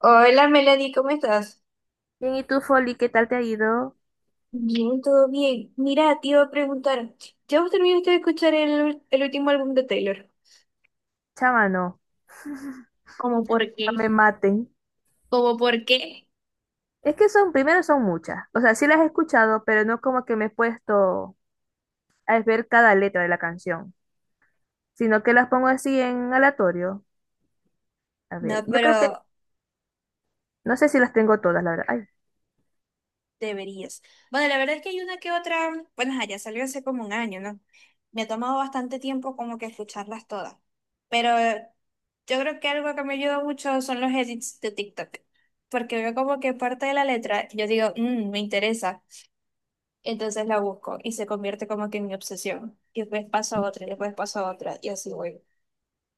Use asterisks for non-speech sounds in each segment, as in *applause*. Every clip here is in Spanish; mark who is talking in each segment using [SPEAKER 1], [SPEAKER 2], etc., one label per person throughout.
[SPEAKER 1] Hola Melody, ¿cómo estás?
[SPEAKER 2] Bien, ¿y tú, Folly, qué tal te ha ido?
[SPEAKER 1] Bien, todo bien. Mira, te iba a preguntar, ¿ya vos terminaste de escuchar el último álbum de Taylor?
[SPEAKER 2] Chama, no, *laughs*
[SPEAKER 1] ¿Cómo por
[SPEAKER 2] no
[SPEAKER 1] qué?
[SPEAKER 2] me maten.
[SPEAKER 1] ¿Cómo por qué?
[SPEAKER 2] Es que son, primero son muchas. O sea, sí las he escuchado, pero no como que me he puesto a ver cada letra de la canción, sino que las pongo así en aleatorio. A ver,
[SPEAKER 1] No,
[SPEAKER 2] yo creo que,
[SPEAKER 1] pero
[SPEAKER 2] no sé si las tengo todas, la verdad. Ay,
[SPEAKER 1] deberías. Bueno, la verdad es que hay una que otra, bueno, ajá, ya salió hace como un año, ¿no? Me ha tomado bastante tiempo como que escucharlas todas. Pero yo creo que algo que me ayuda mucho son los edits de TikTok. Porque veo como que parte de la letra, yo digo, "Mm, me interesa. Entonces la busco y se convierte como que en mi obsesión. Y después paso a otra, y después paso a otra, y así voy."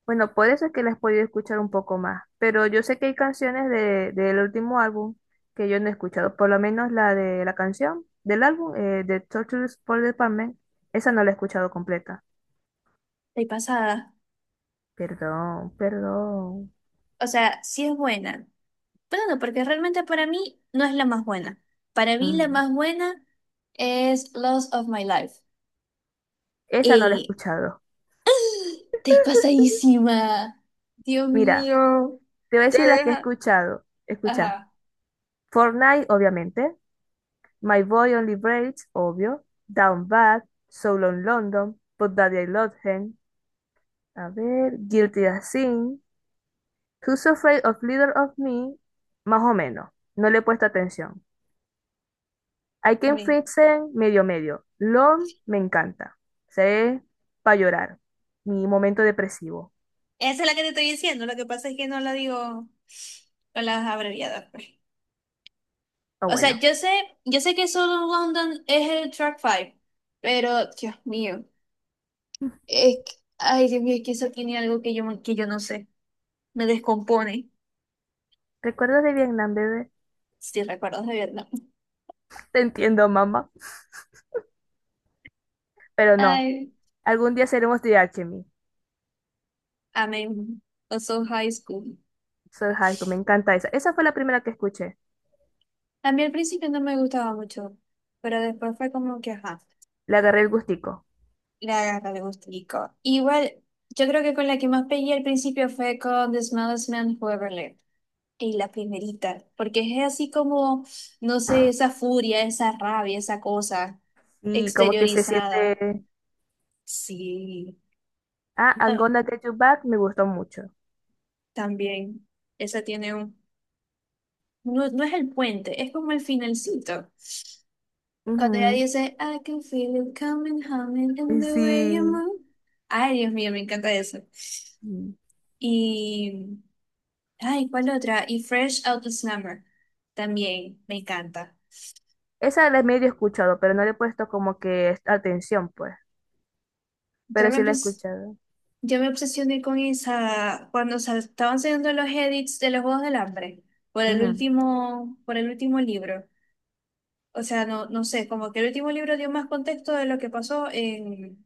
[SPEAKER 2] bueno, por eso es que las he podido escuchar un poco más. Pero yo sé que hay canciones de, del último álbum que yo no he escuchado, por lo menos la de la canción del álbum, de Tortures for Department, esa no la he escuchado completa.
[SPEAKER 1] Estoy pasada.
[SPEAKER 2] Perdón, perdón.
[SPEAKER 1] O sea, sí es buena. Pero no, porque realmente para mí no es la más buena. Para mí la
[SPEAKER 2] Mm.
[SPEAKER 1] más buena es Lost of My Life.
[SPEAKER 2] Esa no la he
[SPEAKER 1] Y
[SPEAKER 2] escuchado.
[SPEAKER 1] estoy pasadísima. Dios
[SPEAKER 2] Mira,
[SPEAKER 1] mío.
[SPEAKER 2] te voy a
[SPEAKER 1] Te
[SPEAKER 2] decir las que he
[SPEAKER 1] deja.
[SPEAKER 2] escuchado. Escucha.
[SPEAKER 1] Ajá,
[SPEAKER 2] Fortnite, obviamente. My Boy Only Breaks, obvio. Down Bad. So Long London. But Daddy I Love Him. A ver. Guilty as Sin. Who's Afraid of Leader of Me. Más o menos. No le he puesto atención. I Can
[SPEAKER 1] también.
[SPEAKER 2] Fix It, medio medio. Long, me encanta. Se para llorar. Mi momento depresivo.
[SPEAKER 1] Esa es la que te estoy diciendo. Lo que pasa es que no la digo con las abreviadas, pues.
[SPEAKER 2] Ah,
[SPEAKER 1] O sea,
[SPEAKER 2] bueno.
[SPEAKER 1] yo sé que solo London es el track five, pero Dios mío, es que- ay, Dios mío, es que eso tiene algo que yo no sé, me descompone,
[SPEAKER 2] Recuerdos de Vietnam, bebé.
[SPEAKER 1] si recuerdas de verdad.
[SPEAKER 2] Te entiendo, mamá. Pero no.
[SPEAKER 1] Ay,
[SPEAKER 2] Algún día seremos de Alchemy.
[SPEAKER 1] amén, also high school.
[SPEAKER 2] Soul Haiku, me encanta esa. Esa fue la primera que escuché.
[SPEAKER 1] A mí al principio no me gustaba mucho, pero después fue como que, ajá,
[SPEAKER 2] Le agarré el gustico.
[SPEAKER 1] le agarra el gustico. Igual, yo creo que con la que más pegué al principio fue con The Smallest Man Who Ever Lived. Y la primerita, porque es así como, no sé, esa furia, esa rabia, esa cosa
[SPEAKER 2] Sí, como que se
[SPEAKER 1] exteriorizada.
[SPEAKER 2] siente.
[SPEAKER 1] Sí,
[SPEAKER 2] Ah, I'm
[SPEAKER 1] ah,
[SPEAKER 2] Gonna Get You Back me gustó mucho.
[SPEAKER 1] también. Esa tiene un... No, no es el puente, es como el finalcito. Cuando ella
[SPEAKER 2] Ujú.
[SPEAKER 1] dice, "I can feel it coming, humming in the way you
[SPEAKER 2] Sí.
[SPEAKER 1] move." Ay, Dios mío, me encanta eso.
[SPEAKER 2] Sí.
[SPEAKER 1] Y, ay, ¿cuál otra? Y Fresh Out the Summer. También, me encanta.
[SPEAKER 2] Esa la he medio escuchado, pero no le he puesto como que atención, pues.
[SPEAKER 1] Yo
[SPEAKER 2] Pero
[SPEAKER 1] me,
[SPEAKER 2] sí la he
[SPEAKER 1] pens-
[SPEAKER 2] escuchado.
[SPEAKER 1] Yo me obsesioné con esa cuando se estaban saliendo los edits de los Juegos del Hambre por el
[SPEAKER 2] Ujú.
[SPEAKER 1] último, por el último libro. O sea, no, no sé, como que el último libro dio más contexto de lo que pasó en,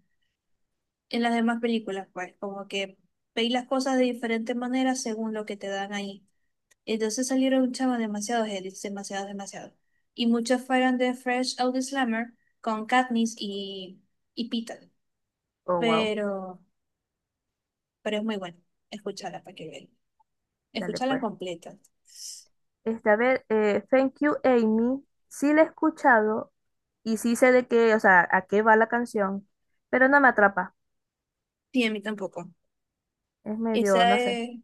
[SPEAKER 1] en las demás películas, pues, como que veis las cosas de diferentes maneras según lo que te dan ahí. Entonces salieron chavos demasiados edits, demasiados, demasiados. Y muchos fueron de Fresh Out the Slammer con Katniss y Peeta.
[SPEAKER 2] Oh, wow.
[SPEAKER 1] Pero, pero es muy bueno. Escucharla para que vean.
[SPEAKER 2] Dale,
[SPEAKER 1] Escucharla
[SPEAKER 2] pues.
[SPEAKER 1] completa.
[SPEAKER 2] Este, a ver, Thank You Amy, sí la he escuchado y sí sé de qué, o sea, a qué va la canción, pero no me atrapa,
[SPEAKER 1] Sí, a mí tampoco.
[SPEAKER 2] es medio,
[SPEAKER 1] Esa
[SPEAKER 2] no sé.
[SPEAKER 1] es,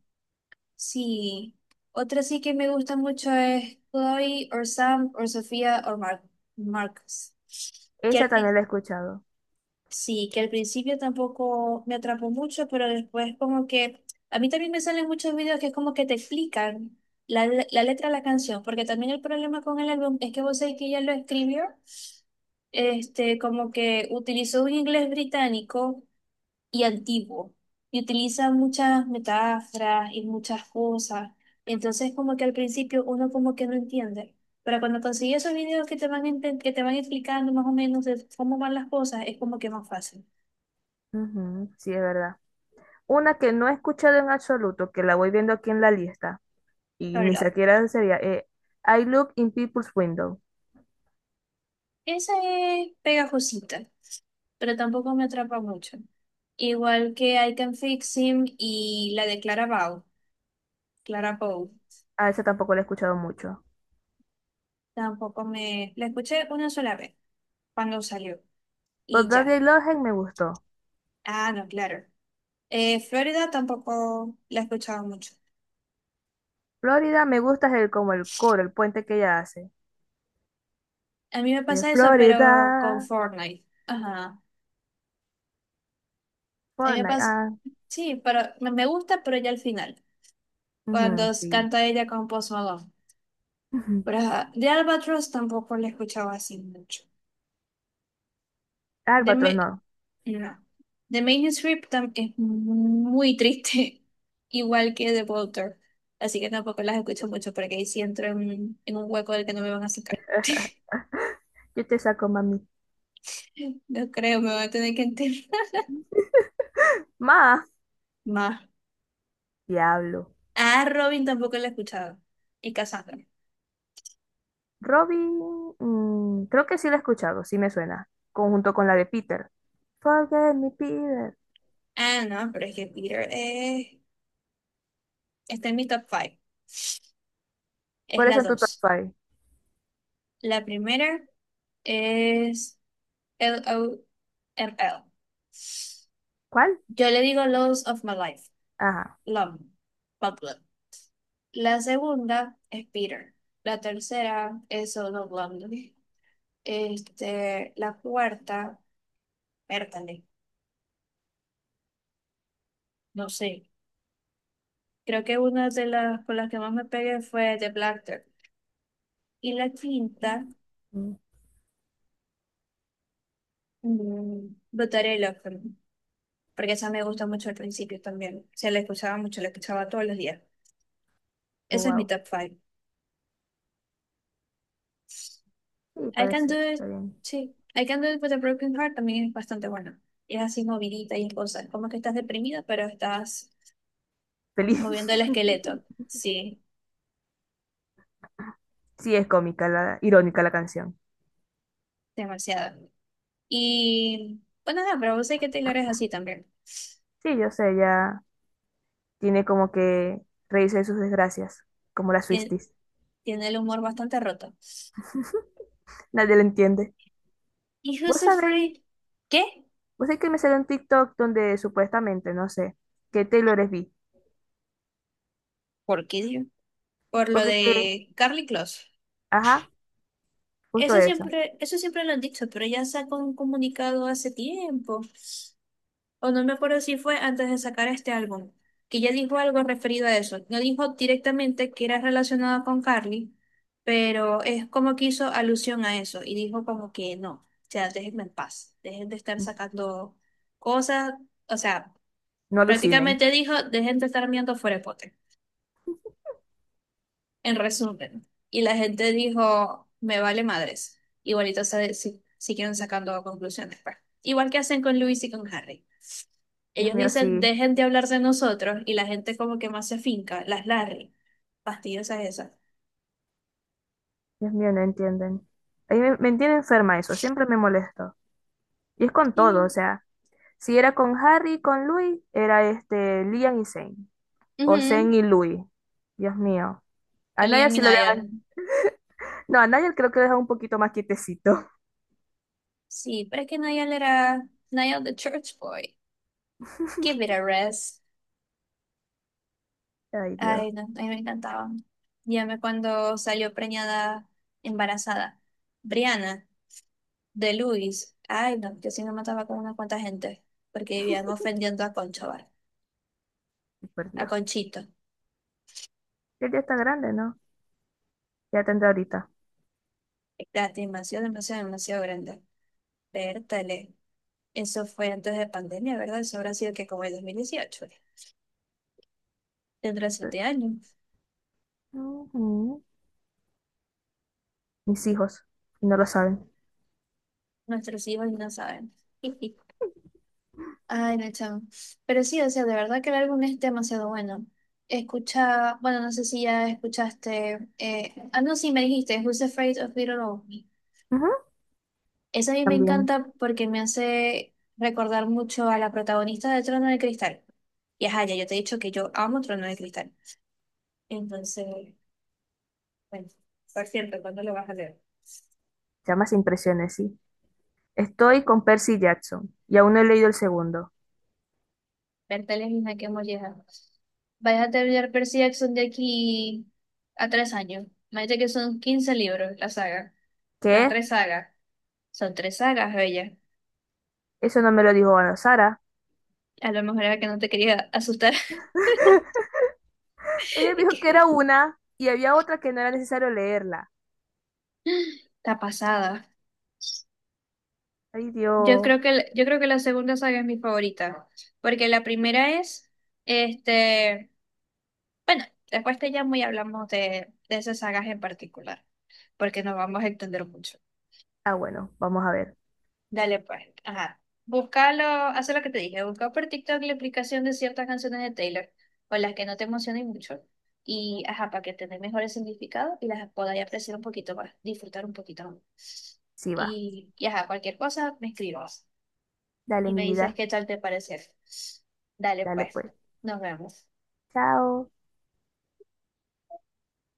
[SPEAKER 1] sí. Otra sí que me gusta mucho es Chloe or Sam or Sofía or Marcus. Que al
[SPEAKER 2] Esa también
[SPEAKER 1] prin-
[SPEAKER 2] la he escuchado.
[SPEAKER 1] sí, que al principio tampoco me atrapó mucho, pero después como que a mí también me salen muchos videos que es como que te explican la letra de la canción, porque también el problema con el álbum es que vos sabés que ella lo escribió, como que utilizó un inglés británico y antiguo y utiliza muchas metáforas y muchas cosas. Entonces, como que al principio uno como que no entiende, pero cuando consigues esos videos que te van explicando más o menos de cómo van las cosas, es como que más fácil,
[SPEAKER 2] Ujú, sí, es verdad. Una que no he escuchado en absoluto, que la voy viendo aquí en la lista y
[SPEAKER 1] la
[SPEAKER 2] ni
[SPEAKER 1] verdad.
[SPEAKER 2] siquiera sería, I Look in People's Window.
[SPEAKER 1] Esa es pegajosita, pero tampoco me atrapa mucho. Igual que I Can Fix Him y la de Clara Bow,
[SPEAKER 2] A esa tampoco la he escuchado mucho.
[SPEAKER 1] tampoco me... la escuché una sola vez cuando salió y
[SPEAKER 2] But That
[SPEAKER 1] ya.
[SPEAKER 2] They Love Hate me gustó.
[SPEAKER 1] Ah, no, claro. Florida tampoco la he escuchado mucho.
[SPEAKER 2] Florida me gusta es el, como el coro, el puente que ella hace.
[SPEAKER 1] A mí me pasa eso, pero con
[SPEAKER 2] Florida,
[SPEAKER 1] Fortnite. Ajá. A mí me
[SPEAKER 2] Fortnite,
[SPEAKER 1] pasa.
[SPEAKER 2] ah,
[SPEAKER 1] Sí, pero me gusta, pero ya al final. Cuando
[SPEAKER 2] ujú, sí.
[SPEAKER 1] canta ella con Post Malone.
[SPEAKER 2] Ujú.
[SPEAKER 1] Pero ajá, de Albatross tampoco la he escuchado así mucho. De
[SPEAKER 2] Albatros
[SPEAKER 1] Me-
[SPEAKER 2] no.
[SPEAKER 1] no. De Main Strip es muy triste, *laughs* igual que de Walter. Así que tampoco las escucho mucho porque ahí sí entro en un hueco del que no me van a sacar.
[SPEAKER 2] *laughs* Yo te saco, mami.
[SPEAKER 1] *laughs* No creo, me van a tener que enterrar
[SPEAKER 2] Ma,
[SPEAKER 1] *laughs* más.
[SPEAKER 2] diablo.
[SPEAKER 1] Ah, Robin tampoco la he escuchado. Y Cassandra.
[SPEAKER 2] Robin, mm, creo que sí la he escuchado, sí me suena. Conjunto con la de Peter. Forget me, Peter.
[SPEAKER 1] Ah, no, pero es que Peter está en mi top 5. Es
[SPEAKER 2] Por eso
[SPEAKER 1] la
[SPEAKER 2] en tu top
[SPEAKER 1] dos.
[SPEAKER 2] five.
[SPEAKER 1] La primera es LOML.
[SPEAKER 2] ¿Cuál?
[SPEAKER 1] Yo le digo Loves of My Life.
[SPEAKER 2] Ajá.
[SPEAKER 1] Love. Pablo. La segunda es Peter. La tercera es Solo Blondie. Este, la cuarta, Bertale. No sé. Creo que una de las con las que más me pegué fue The Black Dog. Y la quinta.
[SPEAKER 2] Mm.
[SPEAKER 1] Butterella, Open, porque esa me gustó mucho al principio también. Se la escuchaba mucho, la escuchaba todos los días.
[SPEAKER 2] Oh,
[SPEAKER 1] Ese es mi
[SPEAKER 2] wow.
[SPEAKER 1] top five.
[SPEAKER 2] Sí,
[SPEAKER 1] I
[SPEAKER 2] puede
[SPEAKER 1] Can Do
[SPEAKER 2] ser,
[SPEAKER 1] It,
[SPEAKER 2] está bien.
[SPEAKER 1] sí. I Can Do It With a Broken Heart también es bastante buena. Y es así movidita y es cosa. Es como que estás deprimida, pero estás
[SPEAKER 2] Feliz.
[SPEAKER 1] moviendo el esqueleto.
[SPEAKER 2] *laughs*
[SPEAKER 1] Sí,
[SPEAKER 2] Sí, es cómica, la, irónica la canción.
[SPEAKER 1] demasiado. Y bueno, nada, pero vos sé que Taylor es así también.
[SPEAKER 2] Sí, yo sé, ella tiene como que reírse de sus desgracias, como las
[SPEAKER 1] Tiene,
[SPEAKER 2] Swifties.
[SPEAKER 1] tiene el humor bastante roto.
[SPEAKER 2] Nadie la entiende.
[SPEAKER 1] ¿Y
[SPEAKER 2] ¿Vos
[SPEAKER 1] Who's
[SPEAKER 2] sabéis
[SPEAKER 1] Afraid? ¿Qué?
[SPEAKER 2] Vos sabés que me salió un TikTok donde supuestamente, no sé, que Taylor es bi.
[SPEAKER 1] ¿Por qué, Dios? Por lo
[SPEAKER 2] Porque que,
[SPEAKER 1] de Carly Close.
[SPEAKER 2] ajá, justo
[SPEAKER 1] Eso
[SPEAKER 2] eso.
[SPEAKER 1] siempre, eso siempre lo han dicho, pero ya sacó un comunicado hace tiempo, o no me acuerdo si fue antes de sacar este álbum, que ya dijo algo referido a eso. No dijo directamente que era relacionado con Carly, pero es como que hizo alusión a eso y dijo como que no, o sea, déjenme en paz, dejen de estar sacando cosas. O sea,
[SPEAKER 2] No alucinen.
[SPEAKER 1] prácticamente dijo, dejen de estar mirando fuera de pote, en resumen. Y la gente dijo, me vale madres. Igualito se- si, siguieron sacando conclusiones, pues. Igual que hacen con Luis y con Harry.
[SPEAKER 2] Dios
[SPEAKER 1] Ellos
[SPEAKER 2] mío, sí.
[SPEAKER 1] dicen, dejen de hablar de nosotros y la gente como que más se finca, las Larry, fastidiosas esas.
[SPEAKER 2] Dios mío, no entienden. A mí me tiene enferma eso, siempre me molesto. Y es con todo, o
[SPEAKER 1] Mm.
[SPEAKER 2] sea, si era con Harry, con Louis, era este, Liam y Zane. O Zane
[SPEAKER 1] Ujú.
[SPEAKER 2] y Louis. Dios mío. A Nigel
[SPEAKER 1] Liam y
[SPEAKER 2] sí lo dejan.
[SPEAKER 1] Niall.
[SPEAKER 2] No, a Nigel creo que lo dejan un poquito más quietecito.
[SPEAKER 1] Sí, pero es que Niall era Niall the Church Boy. Give it a rest.
[SPEAKER 2] *laughs* Ay, Dios,
[SPEAKER 1] Ay, no, a mí me encantaba. Llamé cuando salió preñada, embarazada. Brianna. De Luis. Ay, no, yo sí me mataba con una cuanta gente, porque vivían ofendiendo a Concho, ¿vale?
[SPEAKER 2] por
[SPEAKER 1] A
[SPEAKER 2] Dios.
[SPEAKER 1] Conchito.
[SPEAKER 2] Él ya está grande, ¿no? Ya tendrá ahorita.
[SPEAKER 1] La animación demasiado, demasiado grande. Vértale. Eso fue antes de pandemia, ¿verdad? Eso habrá sido que como el 2018. Dentro de 7 años.
[SPEAKER 2] Ujú. Mis hijos, y no lo saben.
[SPEAKER 1] Nuestros hijos no saben. *laughs* Ay, no, chamo. Pero sí, o sea, de verdad que el álbum es demasiado bueno. Escucha, bueno, no sé si ya escuchaste. No, sí, me dijiste, Who's Afraid of Little Old.
[SPEAKER 2] Ujú.
[SPEAKER 1] Esa a mí me
[SPEAKER 2] También,
[SPEAKER 1] encanta porque me hace recordar mucho a la protagonista de Trono de Cristal. Y ajá, ya yo te he dicho que yo amo Trono de Cristal. Entonces, bueno, por cierto, ¿cuándo lo vas a leer?
[SPEAKER 2] llamas e impresiones, sí. Estoy con Percy Jackson y aún no he leído el segundo.
[SPEAKER 1] Bertales misma que molleja. Vais a terminar Percy Jackson de aquí a 3 años. Imagínate que son 15 libros la saga. Las
[SPEAKER 2] ¿Qué?
[SPEAKER 1] tres sagas. Son tres sagas, bella.
[SPEAKER 2] Eso no me lo dijo Ana Sara.
[SPEAKER 1] A lo mejor era que no te quería asustar.
[SPEAKER 2] *laughs*
[SPEAKER 1] *laughs*
[SPEAKER 2] Ella me
[SPEAKER 1] Y
[SPEAKER 2] dijo que era
[SPEAKER 1] que-
[SPEAKER 2] una y había otra que no era necesario leerla.
[SPEAKER 1] Está pasada.
[SPEAKER 2] Ay,
[SPEAKER 1] Yo
[SPEAKER 2] Dios.
[SPEAKER 1] creo que, el- yo creo que la segunda saga es mi favorita, porque la primera es, este, bueno, después te llamo y hablamos de esas sagas en particular, porque nos vamos a entender mucho.
[SPEAKER 2] Ah, bueno, vamos a ver.
[SPEAKER 1] Dale pues, ajá. Búscalo, haz lo que te dije, busca por TikTok la explicación de ciertas canciones de Taylor, o las que no te emocionen mucho, y ajá, para que tengas mejores significados y las podáis apreciar un poquito más, disfrutar un poquito más.
[SPEAKER 2] Sí va.
[SPEAKER 1] Y ajá, cualquier cosa, me escribas.
[SPEAKER 2] Dale,
[SPEAKER 1] Y
[SPEAKER 2] mi
[SPEAKER 1] me dices
[SPEAKER 2] vida.
[SPEAKER 1] qué tal te pareció. Dale,
[SPEAKER 2] Dale,
[SPEAKER 1] pues,
[SPEAKER 2] pues.
[SPEAKER 1] nos vemos.
[SPEAKER 2] Chao.